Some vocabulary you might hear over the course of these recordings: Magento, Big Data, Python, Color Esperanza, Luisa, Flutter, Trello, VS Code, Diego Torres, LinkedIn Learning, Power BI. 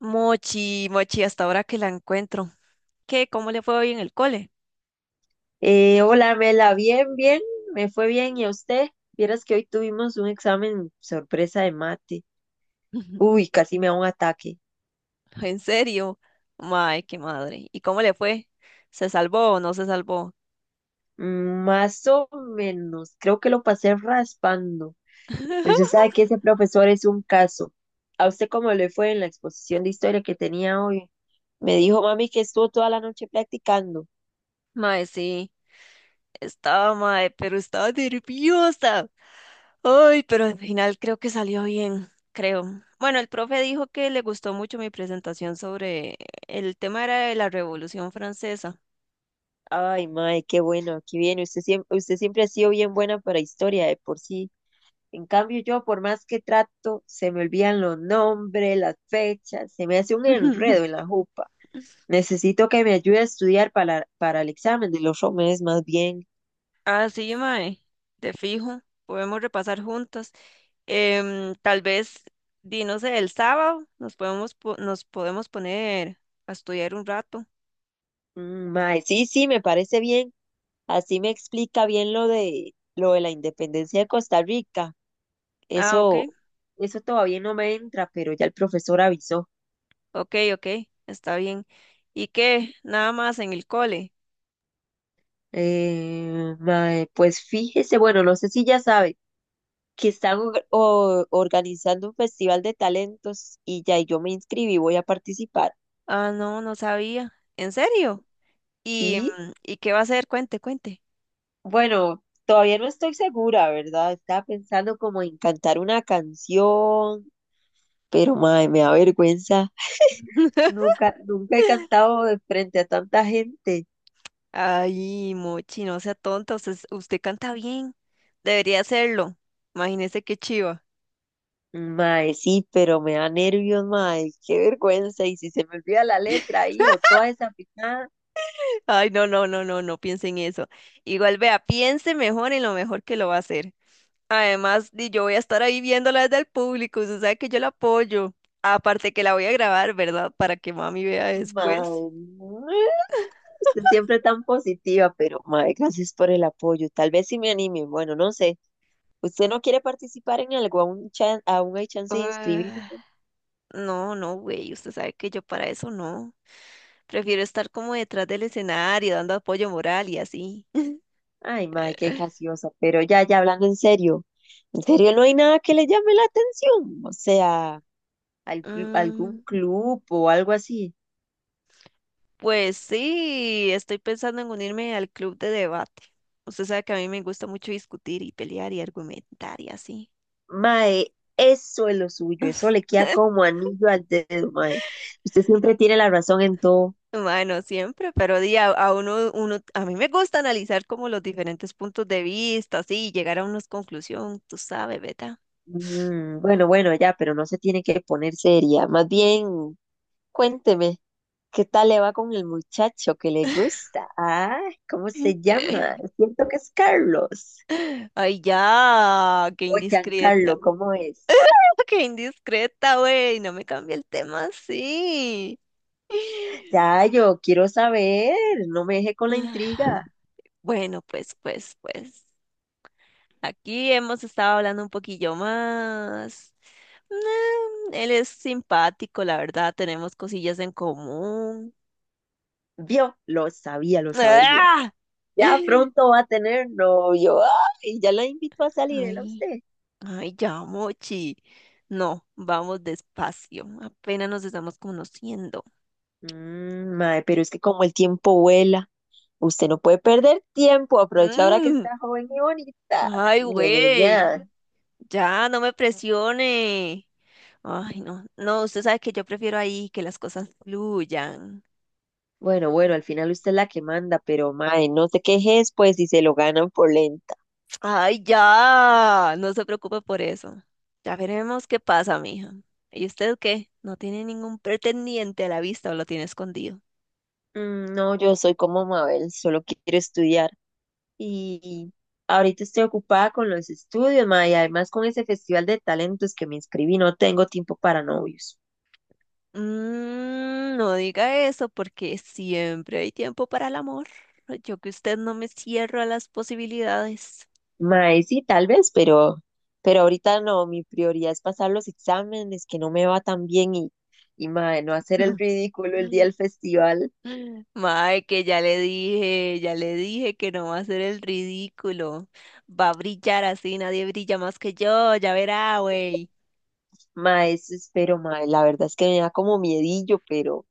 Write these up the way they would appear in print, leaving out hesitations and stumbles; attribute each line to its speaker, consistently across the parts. Speaker 1: Mochi, Mochi, hasta ahora que la encuentro. ¿Qué? ¿Cómo le fue hoy en el cole?
Speaker 2: Hola, Mela, bien, me fue bien. ¿Y a usted? Vieras que hoy tuvimos un examen sorpresa de mate. Uy, casi me da un ataque.
Speaker 1: ¿En serio? Mae, qué madre. ¿Y cómo le fue? ¿Se salvó o no se salvó?
Speaker 2: Más o menos, creo que lo pasé raspando. Pero usted sabe que ese profesor es un caso. ¿A usted cómo le fue en la exposición de historia que tenía hoy? Me dijo mami que estuvo toda la noche practicando.
Speaker 1: Mae, sí, estaba mae, pero estaba nerviosa. Ay, pero al final creo que salió bien, creo. Bueno, el profe dijo que le gustó mucho mi presentación sobre el tema era de la Revolución Francesa.
Speaker 2: Ay, mae, qué bueno, aquí viene. Usted siempre ha sido bien buena para historia de por sí. En cambio, yo, por más que trato, se me olvidan los nombres, las fechas, se me hace un enredo en la jupa. Necesito que me ayude a estudiar para el examen de los meses más bien.
Speaker 1: Ah, sí, mae, te fijo, podemos repasar juntas. Tal vez, di, no sé, el sábado nos podemos, nos podemos poner a estudiar un rato.
Speaker 2: Mm, mae, sí, sí, me parece bien. Así me explica bien lo de la independencia de Costa Rica.
Speaker 1: Ah, ok,
Speaker 2: Eso, eso todavía no me entra, pero ya el profesor avisó.
Speaker 1: ok, ok, está bien. ¿Y qué? Nada más en el cole.
Speaker 2: Mae, pues fíjese, bueno, no sé si ya sabe que están organizando un festival de talentos y yo me inscribí, voy a participar.
Speaker 1: Ah, no, no sabía. ¿En serio? ¿Y,
Speaker 2: Sí,
Speaker 1: y qué va a hacer? Cuente, cuente.
Speaker 2: bueno, todavía no estoy segura, ¿verdad? Estaba pensando como en cantar una canción, pero mae, me da vergüenza. Nunca he cantado de frente a tanta gente.
Speaker 1: Ay, Mochi, no sea tonta, usted, usted canta bien. Debería hacerlo. Imagínese qué chiva.
Speaker 2: Mae, sí, pero me da nervios, mae, qué vergüenza. Y si se me olvida la letra ahí o toda esa picada,
Speaker 1: Ay, no, no, no, no, no piense en eso. Igual vea, piense mejor en lo mejor que lo va a hacer. Además, di, yo voy a estar ahí viéndola desde el público, usted sabe que yo la apoyo. Aparte que la voy a grabar, ¿verdad? Para que mami vea después.
Speaker 2: mae. No. Usted siempre tan positiva, pero madre, gracias por el apoyo. Tal vez sí me anime. Bueno, no sé. ¿Usted no quiere participar en algo? ¿Aún, aún hay chance de inscribirse?
Speaker 1: Ah, no, no, güey, usted sabe que yo para eso no. Prefiero estar como detrás del escenario, dando apoyo moral y así.
Speaker 2: Ay, madre, qué graciosa. Pero ya hablando en serio no hay nada que le llame la atención. O sea, algún
Speaker 1: Mm,
Speaker 2: club o algo así.
Speaker 1: pues sí, estoy pensando en unirme al club de debate. Usted sabe que a mí me gusta mucho discutir y pelear y argumentar y así.
Speaker 2: Mae, eso es lo suyo. Eso le queda como anillo al dedo, mae. Usted siempre tiene la razón en todo.
Speaker 1: Bueno, siempre, pero di, a uno, uno, a mí me gusta analizar como los diferentes puntos de vista, así, y llegar a una conclusión, tú sabes, ¿verdad?
Speaker 2: Bueno, ya, pero no se tiene que poner seria. Más bien, cuénteme. ¿Qué tal le va con el muchacho que le gusta? Ah, ¿cómo se llama? Siento que es Carlos.
Speaker 1: Ay, ya, qué
Speaker 2: O
Speaker 1: indiscreta,
Speaker 2: Giancarlo, ¿cómo es?
Speaker 1: qué indiscreta, güey, no me cambie el tema así.
Speaker 2: Ya, yo quiero saber. No me deje con la intriga.
Speaker 1: Bueno, pues, aquí hemos estado hablando un poquillo más. Mm, él es simpático, la verdad, tenemos cosillas en común.
Speaker 2: Vio, lo sabía, lo sabría.
Speaker 1: ¡Ah!
Speaker 2: Ya pronto va a tener novio. Y ya la invito a salir, ¿era
Speaker 1: Ay,
Speaker 2: usted?
Speaker 1: ya, Mochi. No, vamos despacio. Apenas nos estamos conociendo.
Speaker 2: Mae, pero es que como el tiempo vuela, usted no puede perder tiempo. Aprovecha ahora que
Speaker 1: Mm,
Speaker 2: está joven y bonita.
Speaker 1: ay,
Speaker 2: Ña, Ña,
Speaker 1: güey.
Speaker 2: Ña.
Speaker 1: Ya, no me presione. Ay, no. No, usted sabe que yo prefiero ahí que las cosas fluyan.
Speaker 2: Bueno, al final usted es la que manda, pero mae, no te quejes pues si se lo ganan por lenta.
Speaker 1: Ay, ya. No se preocupe por eso. Ya veremos qué pasa, mija. ¿Y usted qué? ¿No tiene ningún pretendiente a la vista o lo tiene escondido?
Speaker 2: Mm, no, yo soy como Mabel, solo quiero estudiar. Y ahorita estoy ocupada con los estudios, mae, y además con ese festival de talentos que me inscribí, no tengo tiempo para novios.
Speaker 1: Mm, no diga eso porque siempre hay tiempo para el amor. Yo que usted no me cierro a las posibilidades.
Speaker 2: Mae, sí, tal vez, pero ahorita no, mi prioridad es pasar los exámenes, que no me va tan bien y mae, no hacer el ridículo el día del festival.
Speaker 1: Mae, que ya le dije que no va a ser el ridículo. Va a brillar así, nadie brilla más que yo, ya verá, güey.
Speaker 2: Mae, eso espero, mae, la verdad es que me da como miedillo, pero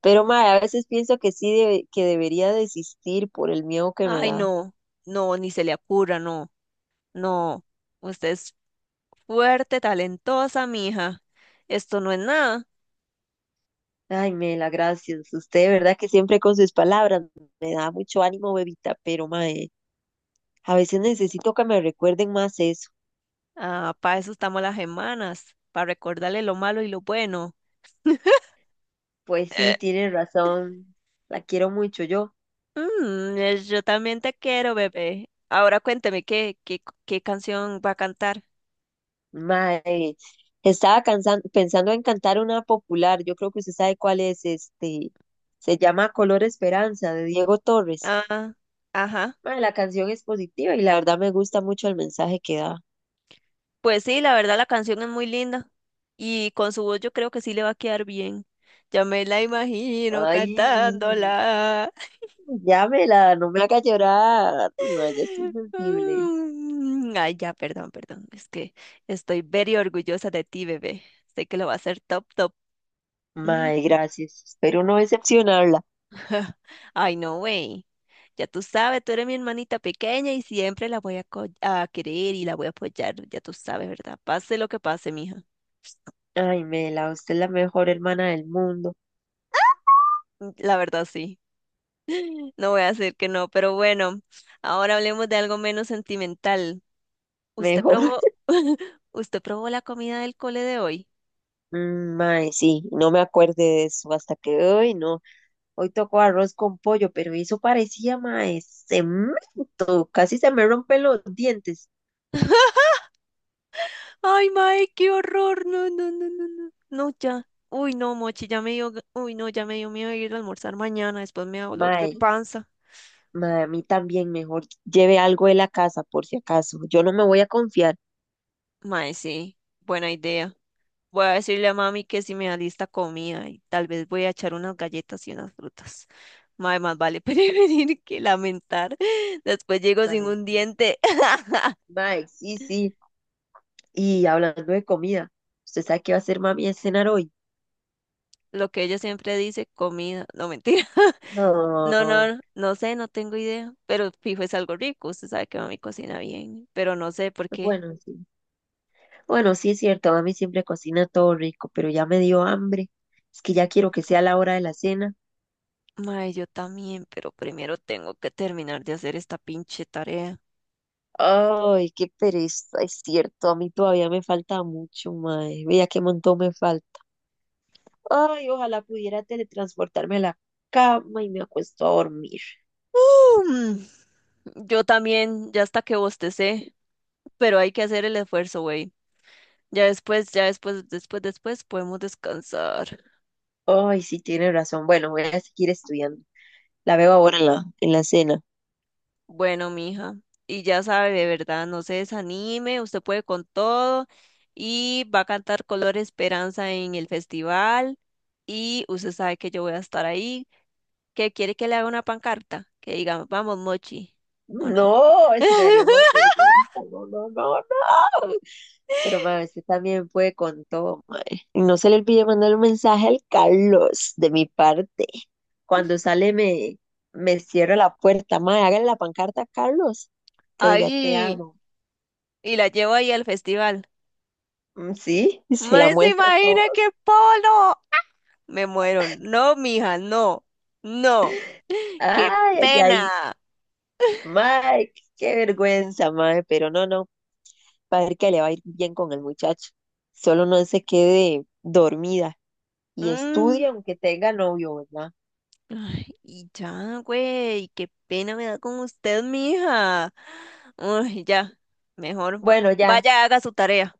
Speaker 2: Pero mae, a veces pienso que sí, que debería desistir por el miedo que me
Speaker 1: Ay,
Speaker 2: da.
Speaker 1: no, no, ni se le ocurra, no, no. Usted es fuerte, talentosa, mija. Esto no es nada.
Speaker 2: Ay, Mela, gracias. Usted, de verdad que siempre con sus palabras me da mucho ánimo, bebita, pero mae, a veces necesito que me recuerden más eso.
Speaker 1: Ah, para eso estamos las hermanas, para recordarle lo malo y lo bueno.
Speaker 2: Pues sí,
Speaker 1: Eh,
Speaker 2: tiene razón. La quiero mucho yo.
Speaker 1: yo también te quiero, bebé. Ahora cuénteme qué canción va a cantar.
Speaker 2: Mae, estaba pensando en cantar una popular. Yo creo que usted sabe cuál es este. Se llama Color Esperanza de Diego Torres.
Speaker 1: Ah, ajá.
Speaker 2: Mae, la canción es positiva y la verdad me gusta mucho el mensaje que da.
Speaker 1: Pues sí, la verdad la canción es muy linda y con su voz yo creo que sí le va a quedar bien. Ya me la imagino
Speaker 2: Ay,
Speaker 1: cantándola.
Speaker 2: llámela, no me haga llorar. Ay, ya estoy sensible.
Speaker 1: Ay, ya, perdón, perdón. Es que estoy very orgullosa de ti, bebé. Sé que lo va a hacer top,
Speaker 2: Mae,
Speaker 1: top.
Speaker 2: gracias. Espero no decepcionarla.
Speaker 1: Ay, no, güey. Ya tú sabes, tú eres mi hermanita pequeña y siempre la voy a, a querer y la voy a apoyar. Ya tú sabes, ¿verdad? Pase lo que pase, mija.
Speaker 2: Ay, Mela, usted es la mejor hermana del mundo.
Speaker 1: La verdad, sí. No voy a hacer que no, pero bueno, ahora hablemos de algo menos sentimental. ¿Usted
Speaker 2: Mejor.
Speaker 1: probó, usted probó la comida del cole de hoy?
Speaker 2: Mm, mae, sí, no me acuerde de eso hasta que hoy no. Hoy tocó arroz con pollo, pero eso parecía, mae, cemento. Casi se me rompen los dientes.
Speaker 1: Ay, mae, qué horror. No, no, no, no, no. No, ya. Uy, no, Mochi, ya me dio, uy, no, ya me dio miedo ir a almorzar mañana, después me da dolor de
Speaker 2: Mae,
Speaker 1: panza.
Speaker 2: mae, a mí también mejor lleve algo de la casa por si acaso. Yo no me voy a confiar.
Speaker 1: Mae, sí, buena idea. Voy a decirle a mami que si me da lista comida y tal vez voy a echar unas galletas y unas frutas. Mae, más vale prevenir que lamentar. Después llego sin
Speaker 2: Mae,
Speaker 1: un
Speaker 2: sí,
Speaker 1: diente.
Speaker 2: mae, sí. Y hablando de comida, ¿usted sabe qué va a hacer mami de cenar hoy?
Speaker 1: Lo que ella siempre dice, comida. No, mentira. No,
Speaker 2: No,
Speaker 1: no, no sé, no tengo idea. Pero fijo es algo rico. Usted sabe que mami cocina bien. Pero no sé por qué.
Speaker 2: bueno, sí. Bueno, sí es cierto, mami siempre cocina todo rico, pero ya me dio hambre. Es que ya quiero que sea la hora de la cena.
Speaker 1: Mae, yo también, pero primero tengo que terminar de hacer esta pinche tarea.
Speaker 2: Ay, qué pereza, es cierto, a mí todavía me falta mucho, mae. Vea qué montón me falta. Ay, ojalá pudiera teletransportarme a la cama y me acuesto a dormir.
Speaker 1: Mm, yo también, ya hasta que bostecé, pero hay que hacer el esfuerzo, güey. Ya después, después podemos descansar.
Speaker 2: Ay, sí, tiene razón. Bueno, voy a seguir estudiando. La veo ahora en la cena.
Speaker 1: Bueno, mija, y ya sabe, de verdad, no se desanime, usted puede con todo y va a cantar Color Esperanza en el festival y usted sabe que yo voy a estar ahí. ¿Qué quiere que le haga una pancarta? Que diga, vamos, Mochi, ¿o no?
Speaker 2: No, eso me daría más vergüenza. No, no, no, no. Pero ma, usted también puede con todo, mae. Y no se le olvide mandar un mensaje al Carlos de mi parte. Cuando sale me, me cierra la puerta, mae. Hágale la pancarta a Carlos. Que diga, te
Speaker 1: Ay,
Speaker 2: amo.
Speaker 1: y la llevo ahí al festival.
Speaker 2: Mm, sí, y se la
Speaker 1: ¿Me se
Speaker 2: muestra a
Speaker 1: imagina qué
Speaker 2: todos.
Speaker 1: polo? Me muero. No, mija, no, no. ¡Qué
Speaker 2: Ay, ay, ay.
Speaker 1: pena!
Speaker 2: Mae, qué vergüenza, mae. Pero no, no. Va a ver que le va a ir bien con el muchacho. Solo no se quede dormida. Y
Speaker 1: Mm,
Speaker 2: estudia aunque tenga novio, ¿verdad?
Speaker 1: ay, y ya, güey, qué pena me da con usted, mija. Uy, ya, mejor
Speaker 2: Bueno, ya,
Speaker 1: vaya, haga su tarea.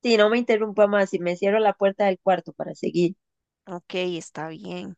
Speaker 2: si no me interrumpa más y me cierro la puerta del cuarto para seguir.
Speaker 1: Ok, está bien.